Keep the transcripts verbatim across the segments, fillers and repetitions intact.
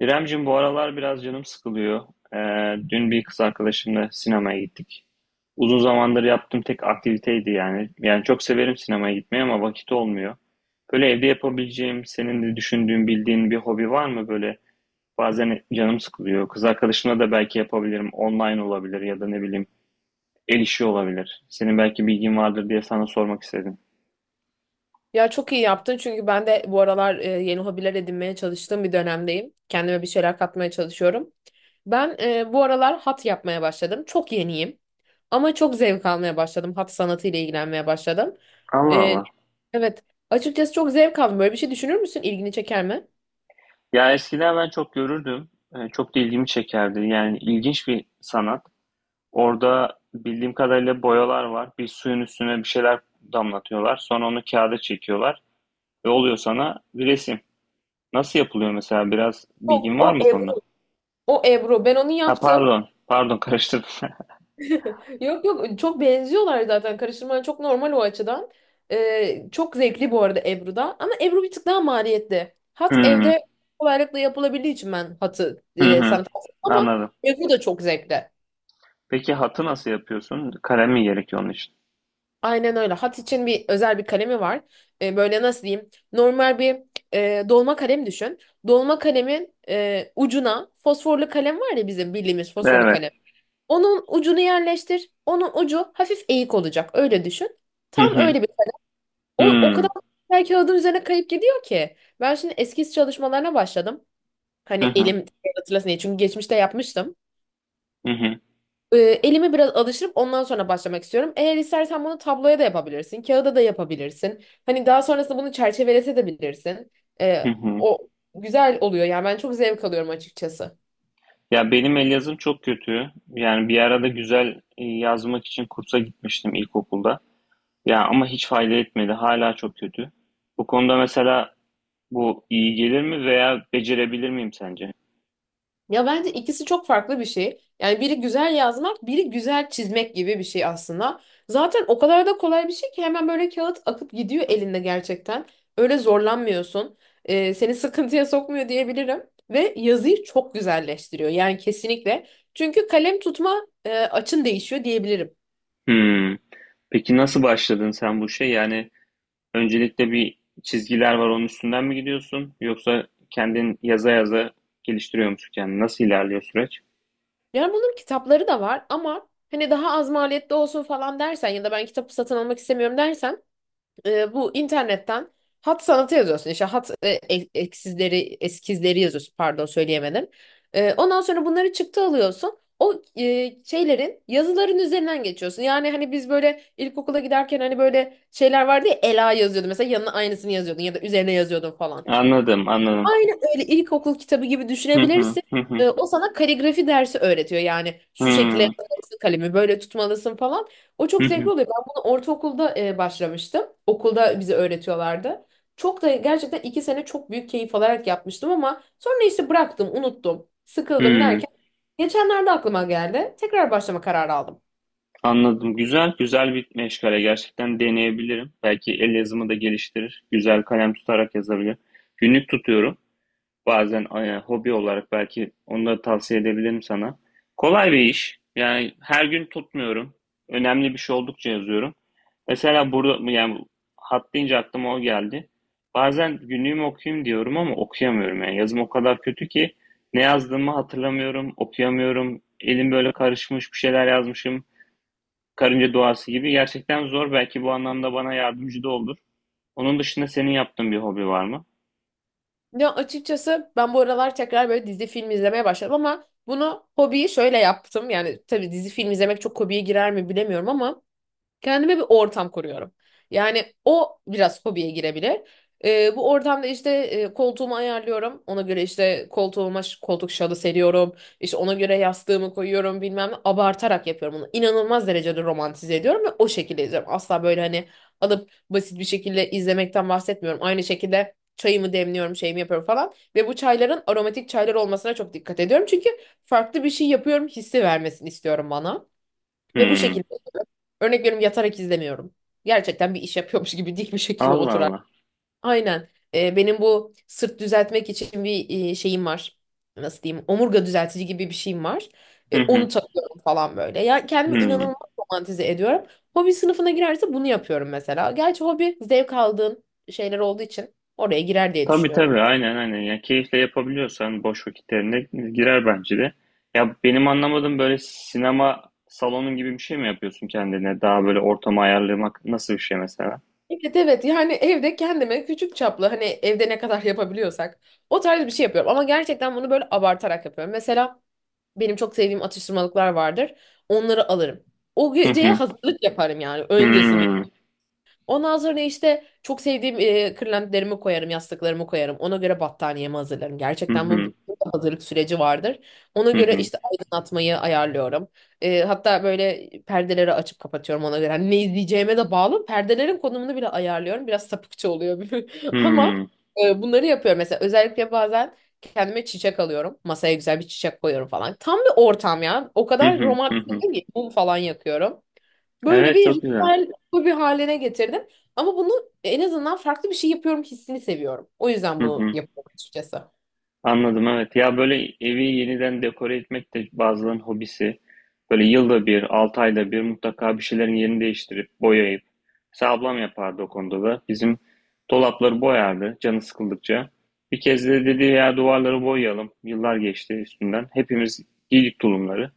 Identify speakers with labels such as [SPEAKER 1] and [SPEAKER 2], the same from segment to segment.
[SPEAKER 1] İremcim bu aralar biraz canım sıkılıyor. Ee, dün bir kız arkadaşımla sinemaya gittik. Uzun zamandır yaptığım tek aktiviteydi yani. Yani çok severim sinemaya gitmeyi ama vakit olmuyor. Böyle evde yapabileceğim, senin de düşündüğün, bildiğin bir hobi var mı böyle? Bazen canım sıkılıyor. Kız arkadaşımla da belki yapabilirim. Online olabilir ya da ne bileyim el işi olabilir. Senin belki bilgin vardır diye sana sormak istedim.
[SPEAKER 2] Ya çok iyi yaptın çünkü ben de bu aralar e, yeni hobiler edinmeye çalıştığım bir dönemdeyim. Kendime bir şeyler katmaya çalışıyorum. Ben e, bu aralar hat yapmaya başladım. Çok yeniyim ama çok zevk almaya başladım. Hat sanatıyla ilgilenmeye başladım.
[SPEAKER 1] Allah
[SPEAKER 2] E,
[SPEAKER 1] Allah.
[SPEAKER 2] evet, açıkçası çok zevk aldım. Böyle bir şey düşünür müsün? İlgini çeker mi?
[SPEAKER 1] Ya eskiden ben çok görürdüm. Ee, Çok da ilgimi çekerdi. Yani ilginç bir sanat. Orada bildiğim kadarıyla boyalar var. Bir suyun üstüne bir şeyler damlatıyorlar. Sonra onu kağıda çekiyorlar ve oluyor sana bir resim. Nasıl yapılıyor mesela? Biraz
[SPEAKER 2] Yok,
[SPEAKER 1] bilgin
[SPEAKER 2] o
[SPEAKER 1] var mı bu
[SPEAKER 2] Ebru.
[SPEAKER 1] konuda?
[SPEAKER 2] O Ebru. Ben onu
[SPEAKER 1] Ha,
[SPEAKER 2] yaptım.
[SPEAKER 1] pardon. Pardon, karıştırdım.
[SPEAKER 2] Yok yok, çok benziyorlar zaten, karıştırman çok normal o açıdan. Ee, çok zevkli bu arada Ebru'da, ama Ebru bir tık daha maliyetli. Hat
[SPEAKER 1] Hmm.
[SPEAKER 2] evde kolaylıkla yapılabildiği için ben hatı
[SPEAKER 1] Hı
[SPEAKER 2] e,
[SPEAKER 1] hı.
[SPEAKER 2] sana tavsiye ederim. Ama
[SPEAKER 1] Anladım.
[SPEAKER 2] Ebru da çok zevkli.
[SPEAKER 1] Peki hatı nasıl yapıyorsun? Kalem mi gerekiyor onun için?
[SPEAKER 2] Aynen öyle. Hat için bir özel bir kalemi var. Ee, böyle nasıl diyeyim? Normal bir e, dolma kalem düşün. Dolma kalemin e, ucuna, fosforlu kalem var ya bizim bildiğimiz fosforlu
[SPEAKER 1] Evet.
[SPEAKER 2] kalem. Onun ucunu yerleştir. Onun ucu hafif eğik olacak. Öyle düşün.
[SPEAKER 1] Hı
[SPEAKER 2] Tam
[SPEAKER 1] hı.
[SPEAKER 2] öyle bir O, o
[SPEAKER 1] Hmm.
[SPEAKER 2] kadar her kağıdın üzerine kayıp gidiyor ki. Ben şimdi eskiz çalışmalarına başladım. Hani
[SPEAKER 1] Hı hı.
[SPEAKER 2] elim hatırlasın diye. Çünkü geçmişte yapmıştım.
[SPEAKER 1] Hı hı.
[SPEAKER 2] Ee, elimi biraz alıştırıp ondan sonra başlamak istiyorum. Eğer istersen bunu tabloya da yapabilirsin. Kağıda da yapabilirsin. Hani daha sonrasında bunu çerçevelese de bilirsin.
[SPEAKER 1] Hı
[SPEAKER 2] Ee,
[SPEAKER 1] hı.
[SPEAKER 2] o güzel oluyor. Yani ben çok zevk alıyorum açıkçası.
[SPEAKER 1] Ya benim el yazım çok kötü. Yani bir arada güzel e, yazmak için kursa gitmiştim ilkokulda. Ya ama hiç fayda etmedi. Hala çok kötü. Bu konuda mesela bu iyi gelir mi veya becerebilir miyim sence?
[SPEAKER 2] Ya bence ikisi çok farklı bir şey. Yani biri güzel yazmak, biri güzel çizmek gibi bir şey aslında. Zaten o kadar da kolay bir şey ki hemen böyle kağıt akıp gidiyor elinde gerçekten. Öyle zorlanmıyorsun. Ee, seni sıkıntıya sokmuyor diyebilirim. Ve yazıyı çok güzelleştiriyor. Yani kesinlikle. Çünkü kalem tutma e, açın değişiyor diyebilirim.
[SPEAKER 1] Hmm. Peki nasıl başladın sen bu şey? Yani öncelikle bir çizgiler var onun üstünden mi gidiyorsun? Yoksa kendin yaza yaza geliştiriyor musun kendini? Nasıl ilerliyor süreç?
[SPEAKER 2] Yani bunun kitapları da var, ama hani daha az maliyetli olsun falan dersen ya da ben kitabı satın almak istemiyorum dersen, e, bu internetten hat sanatı yazıyorsun. İşte hat e, e- eksizleri, eskizleri yazıyorsun. Pardon söyleyemedim. E, ondan sonra bunları çıktı alıyorsun. O e, şeylerin, yazıların üzerinden geçiyorsun. Yani hani biz böyle ilkokula giderken hani böyle şeyler vardı ya, Ela yazıyordu mesela, yanına aynısını yazıyordun ya da üzerine yazıyordun falan.
[SPEAKER 1] Anladım, anladım.
[SPEAKER 2] Aynen öyle, ilkokul kitabı gibi
[SPEAKER 1] Hı,
[SPEAKER 2] düşünebilirsin.
[SPEAKER 1] hı hı,
[SPEAKER 2] Ee, o sana kaligrafi dersi öğretiyor. Yani
[SPEAKER 1] hı
[SPEAKER 2] şu şekilde yapmalısın kalemi, böyle tutmalısın falan. O çok zevkli
[SPEAKER 1] hı,
[SPEAKER 2] oluyor. Ben bunu ortaokulda e, başlamıştım. Okulda bize öğretiyorlardı. Çok da gerçekten iki sene çok büyük keyif alarak yapmıştım, ama sonra işte bıraktım, unuttum,
[SPEAKER 1] hı
[SPEAKER 2] sıkıldım
[SPEAKER 1] hı.
[SPEAKER 2] derken geçenlerde aklıma geldi. Tekrar başlama kararı aldım.
[SPEAKER 1] Anladım. Güzel, güzel bir meşgale. Gerçekten deneyebilirim. Belki el yazımı da geliştirir. Güzel kalem tutarak yazabilirim. Günlük tutuyorum. Bazen e, hobi olarak belki onu da tavsiye edebilirim sana. Kolay bir iş. Yani her gün tutmuyorum. Önemli bir şey oldukça yazıyorum. Mesela burada yani hat deyince aklıma o geldi. Bazen günlüğümü okuyayım diyorum ama okuyamıyorum. Yani yazım o kadar kötü ki ne yazdığımı hatırlamıyorum, okuyamıyorum. Elim böyle karışmış, bir şeyler yazmışım karınca duası gibi. Gerçekten zor. Belki bu anlamda bana yardımcı da olur. Onun dışında senin yaptığın bir hobi var mı?
[SPEAKER 2] Ya açıkçası ben bu aralar tekrar böyle dizi film izlemeye başladım, ama bunu, hobiyi şöyle yaptım. Yani tabii dizi film izlemek çok hobiye girer mi bilemiyorum ama kendime bir ortam kuruyorum. Yani o biraz hobiye girebilir. Ee, bu ortamda işte e, koltuğumu ayarlıyorum. Ona göre işte koltuğuma ş- koltuk şalı seriyorum. İşte ona göre yastığımı koyuyorum bilmem ne. Abartarak yapıyorum bunu. İnanılmaz derecede romantize ediyorum ve o şekilde izliyorum. Asla böyle hani alıp basit bir şekilde izlemekten bahsetmiyorum. Aynı şekilde çayımı demliyorum, şeyimi yapıyorum falan. Ve bu çayların aromatik çaylar olmasına çok dikkat ediyorum. Çünkü farklı bir şey yapıyorum hissi vermesini istiyorum bana. Ve bu
[SPEAKER 1] Hmm.
[SPEAKER 2] şekilde, örnek veriyorum, yatarak izlemiyorum. Gerçekten bir iş yapıyormuş gibi dik bir şekilde
[SPEAKER 1] Allah
[SPEAKER 2] oturar.
[SPEAKER 1] Allah.
[SPEAKER 2] Aynen. Ee, benim bu sırt düzeltmek için bir e, şeyim var. Nasıl diyeyim? Omurga düzeltici gibi bir şeyim var.
[SPEAKER 1] Hı
[SPEAKER 2] E,
[SPEAKER 1] hı.
[SPEAKER 2] onu takıyorum falan böyle. Ya kendimi
[SPEAKER 1] Hmm.
[SPEAKER 2] inanılmaz romantize ediyorum. Hobi sınıfına girerse bunu yapıyorum mesela. Gerçi hobi zevk aldığın şeyler olduğu için oraya girer diye
[SPEAKER 1] Tabii
[SPEAKER 2] düşünüyorum.
[SPEAKER 1] tabii. Aynen aynen. Ya keyifle yapabiliyorsan boş vakitlerine girer bence de. Ya benim anlamadığım böyle sinema salonun gibi bir şey mi yapıyorsun kendine? Daha böyle ortamı ayarlamak nasıl bir şey mesela?
[SPEAKER 2] Evet evet, yani evde kendime küçük çaplı, hani evde ne kadar yapabiliyorsak, o tarz bir şey yapıyorum. Ama gerçekten bunu böyle abartarak yapıyorum. Mesela benim çok sevdiğim atıştırmalıklar vardır. Onları alırım. O
[SPEAKER 1] Hı
[SPEAKER 2] geceye
[SPEAKER 1] hı.
[SPEAKER 2] hazırlık yaparım yani öncesinde.
[SPEAKER 1] Hmm.
[SPEAKER 2] Ondan sonra işte çok sevdiğim e, kırlentlerimi koyarım, yastıklarımı koyarım. Ona göre battaniyemi hazırlarım.
[SPEAKER 1] Hı
[SPEAKER 2] Gerçekten bu,
[SPEAKER 1] hı.
[SPEAKER 2] bu bir hazırlık süreci vardır. Ona
[SPEAKER 1] Hı
[SPEAKER 2] göre
[SPEAKER 1] hı.
[SPEAKER 2] işte aydınlatmayı ayarlıyorum. E, hatta böyle perdeleri açıp kapatıyorum ona göre. Hani ne izleyeceğime de bağlı. Perdelerin konumunu bile ayarlıyorum. Biraz sapıkça oluyor ama
[SPEAKER 1] Hmm.
[SPEAKER 2] e, bunları yapıyorum. Mesela özellikle bazen kendime çiçek alıyorum. Masaya güzel bir çiçek koyuyorum falan. Tam bir ortam ya. O
[SPEAKER 1] Hı
[SPEAKER 2] kadar
[SPEAKER 1] hı. Hı
[SPEAKER 2] romantik
[SPEAKER 1] hı.
[SPEAKER 2] değil ki. Mum falan yakıyorum. Böyle
[SPEAKER 1] Evet,
[SPEAKER 2] bir
[SPEAKER 1] çok güzel.
[SPEAKER 2] ritüel bir haline getirdim. Ama bunu, en azından farklı bir şey yapıyorum hissini seviyorum. O yüzden
[SPEAKER 1] Hı
[SPEAKER 2] bunu
[SPEAKER 1] hı.
[SPEAKER 2] yapıyorum açıkçası.
[SPEAKER 1] Anladım, evet. Ya böyle evi yeniden dekore etmek de bazılarının hobisi. Böyle yılda bir, altı ayda bir mutlaka bir şeylerin yerini değiştirip boyayıp. Mesela ablam yapardı o konuda da. Bizim dolapları boyardı canı sıkıldıkça. Bir kez de dedi ya duvarları boyayalım. Yıllar geçti üstünden. Hepimiz giydik tulumları.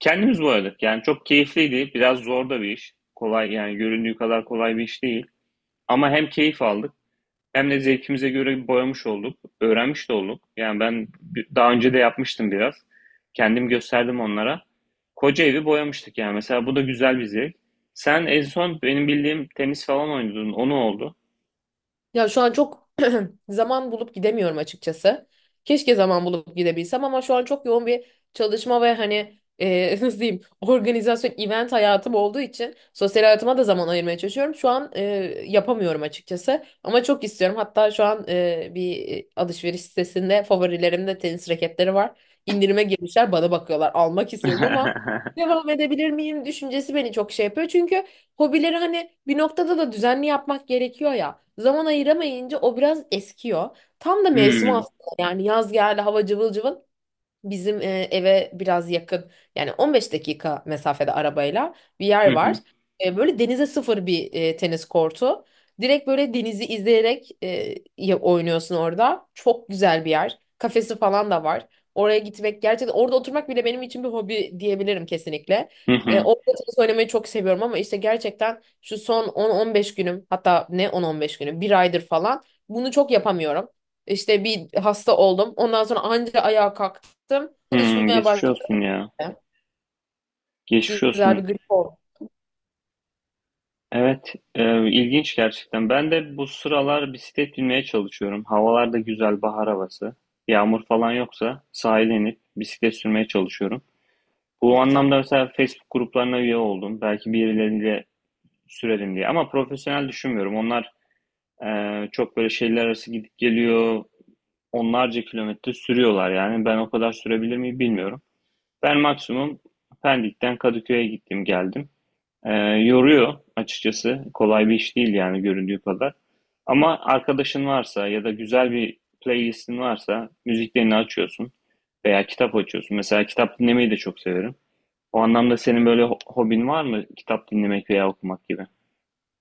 [SPEAKER 1] Kendimiz boyadık. Yani çok keyifliydi. Biraz zor da bir iş. Kolay yani göründüğü kadar kolay bir iş değil. Ama hem keyif aldık. Hem de zevkimize göre boyamış olduk, öğrenmiş de olduk. Yani ben bi- daha önce de yapmıştım biraz. Kendim gösterdim onlara. Koca evi boyamıştık yani. Mesela bu da güzel bir zevk. Sen en son benim bildiğim tenis falan oynadın. O ne oldu?
[SPEAKER 2] Ya şu an çok zaman bulup gidemiyorum açıkçası. Keşke zaman bulup gidebilsem, ama şu an çok yoğun bir çalışma ve hani e, nasıl diyeyim, organizasyon, event hayatım olduğu için sosyal hayatıma da zaman ayırmaya çalışıyorum. Şu an e, yapamıyorum açıkçası, ama çok istiyorum. Hatta şu an e, bir alışveriş sitesinde favorilerimde tenis raketleri var. İndirime girmişler, bana bakıyorlar, almak istiyorum ama devam edebilir miyim düşüncesi beni çok şey yapıyor. Çünkü hobileri hani bir noktada da düzenli yapmak gerekiyor ya. Zaman ayıramayınca o biraz eskiyor. Tam da mevsimi
[SPEAKER 1] Hmm.
[SPEAKER 2] aslında, yani yaz geldi, hava cıvıl cıvıl. Bizim e, eve biraz yakın, yani on beş dakika mesafede arabayla, bir yer
[SPEAKER 1] Hı
[SPEAKER 2] var.
[SPEAKER 1] hı.
[SPEAKER 2] E, böyle denize sıfır bir e, tenis kortu. Direkt böyle denizi izleyerek e, ya- oynuyorsun orada. Çok güzel bir yer. Kafesi falan da var. Oraya gitmek, gerçekten orada oturmak bile benim için bir hobi diyebilirim kesinlikle.
[SPEAKER 1] Hı
[SPEAKER 2] E,
[SPEAKER 1] hı.
[SPEAKER 2] orada tenis oynamayı çok seviyorum, ama işte gerçekten şu son on on beş günüm, hatta ne on on beş günüm, bir aydır falan bunu çok yapamıyorum. İşte bir hasta oldum. Ondan sonra anca ayağa kalktım, yaptım.
[SPEAKER 1] Hmm,
[SPEAKER 2] Çalışmaya
[SPEAKER 1] geçmiş
[SPEAKER 2] başladım.
[SPEAKER 1] olsun ya.
[SPEAKER 2] Çok
[SPEAKER 1] Geçmiş
[SPEAKER 2] güzel bir
[SPEAKER 1] olsun.
[SPEAKER 2] grip oldu.
[SPEAKER 1] Evet, e, ilginç gerçekten. Ben de bu sıralar bisiklet binmeye çalışıyorum. Havalar da güzel, bahar havası. Yağmur falan yoksa sahile inip bisiklet sürmeye çalışıyorum. Bu
[SPEAKER 2] Çok güzel.
[SPEAKER 1] anlamda mesela Facebook gruplarına üye oldum. Belki birileriyle sürelim diye. Ama profesyonel düşünmüyorum. Onlar e, çok böyle şehirler arası gidip geliyor. Onlarca kilometre sürüyorlar yani. Ben o kadar sürebilir miyim bilmiyorum. Ben maksimum Pendik'ten Kadıköy'e gittim geldim. E, yoruyor açıkçası. Kolay bir iş değil yani göründüğü kadar. Ama arkadaşın varsa ya da güzel bir playlistin varsa müziklerini açıyorsun veya kitap açıyorsun. Mesela kitap dinlemeyi de çok severim. O anlamda senin böyle ho- hobin var mı? Kitap dinlemek veya okumak gibi.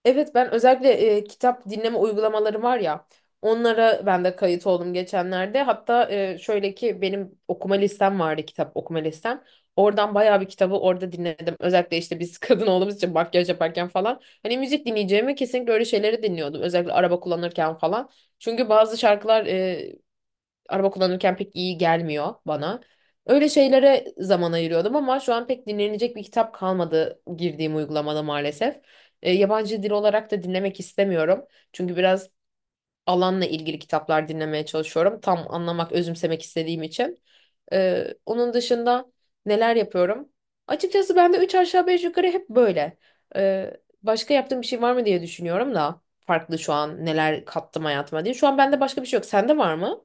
[SPEAKER 2] Evet ben özellikle e, kitap dinleme uygulamaları var ya, onlara ben de kayıt oldum geçenlerde. Hatta e, şöyle ki benim okuma listem vardı, kitap okuma listem. Oradan bayağı bir kitabı orada dinledim. Özellikle işte biz kadın olduğumuz için makyaj yaparken falan. Hani müzik dinleyeceğime kesinlikle öyle şeyleri dinliyordum. Özellikle araba kullanırken falan. Çünkü bazı şarkılar araba kullanırken pek iyi gelmiyor bana. Öyle şeylere zaman ayırıyordum, ama şu an pek dinlenecek bir kitap kalmadı girdiğim uygulamada maalesef. E, yabancı dil olarak da dinlemek istemiyorum. Çünkü biraz alanla ilgili kitaplar dinlemeye çalışıyorum. Tam anlamak, özümsemek istediğim için. Ee, onun dışında neler yapıyorum? Açıkçası ben de üç aşağı beş yukarı hep böyle. Ee, başka yaptığım bir şey var mı diye düşünüyorum da, farklı şu an neler kattım hayatıma diye. Şu an bende başka bir şey yok. Sende var mı?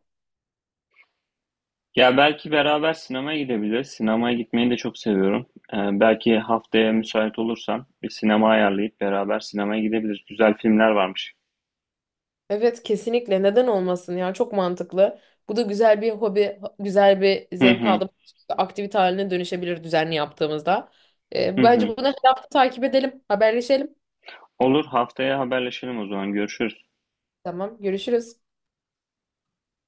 [SPEAKER 1] Ya belki beraber sinemaya gidebiliriz. Sinemaya gitmeyi de çok seviyorum. Ee, belki haftaya müsait olursan bir sinema ayarlayıp beraber sinemaya gidebiliriz. Güzel filmler varmış.
[SPEAKER 2] Evet kesinlikle, neden olmasın ya, çok mantıklı. Bu da güzel bir hobi, güzel bir
[SPEAKER 1] Hı
[SPEAKER 2] zevk
[SPEAKER 1] hı,
[SPEAKER 2] aldığımız aktivite haline dönüşebilir düzenli yaptığımızda. Ee,
[SPEAKER 1] hı
[SPEAKER 2] bence
[SPEAKER 1] hı.
[SPEAKER 2] bunu her hafta takip edelim, haberleşelim.
[SPEAKER 1] Olur, haftaya haberleşelim o zaman. Görüşürüz.
[SPEAKER 2] Tamam, görüşürüz.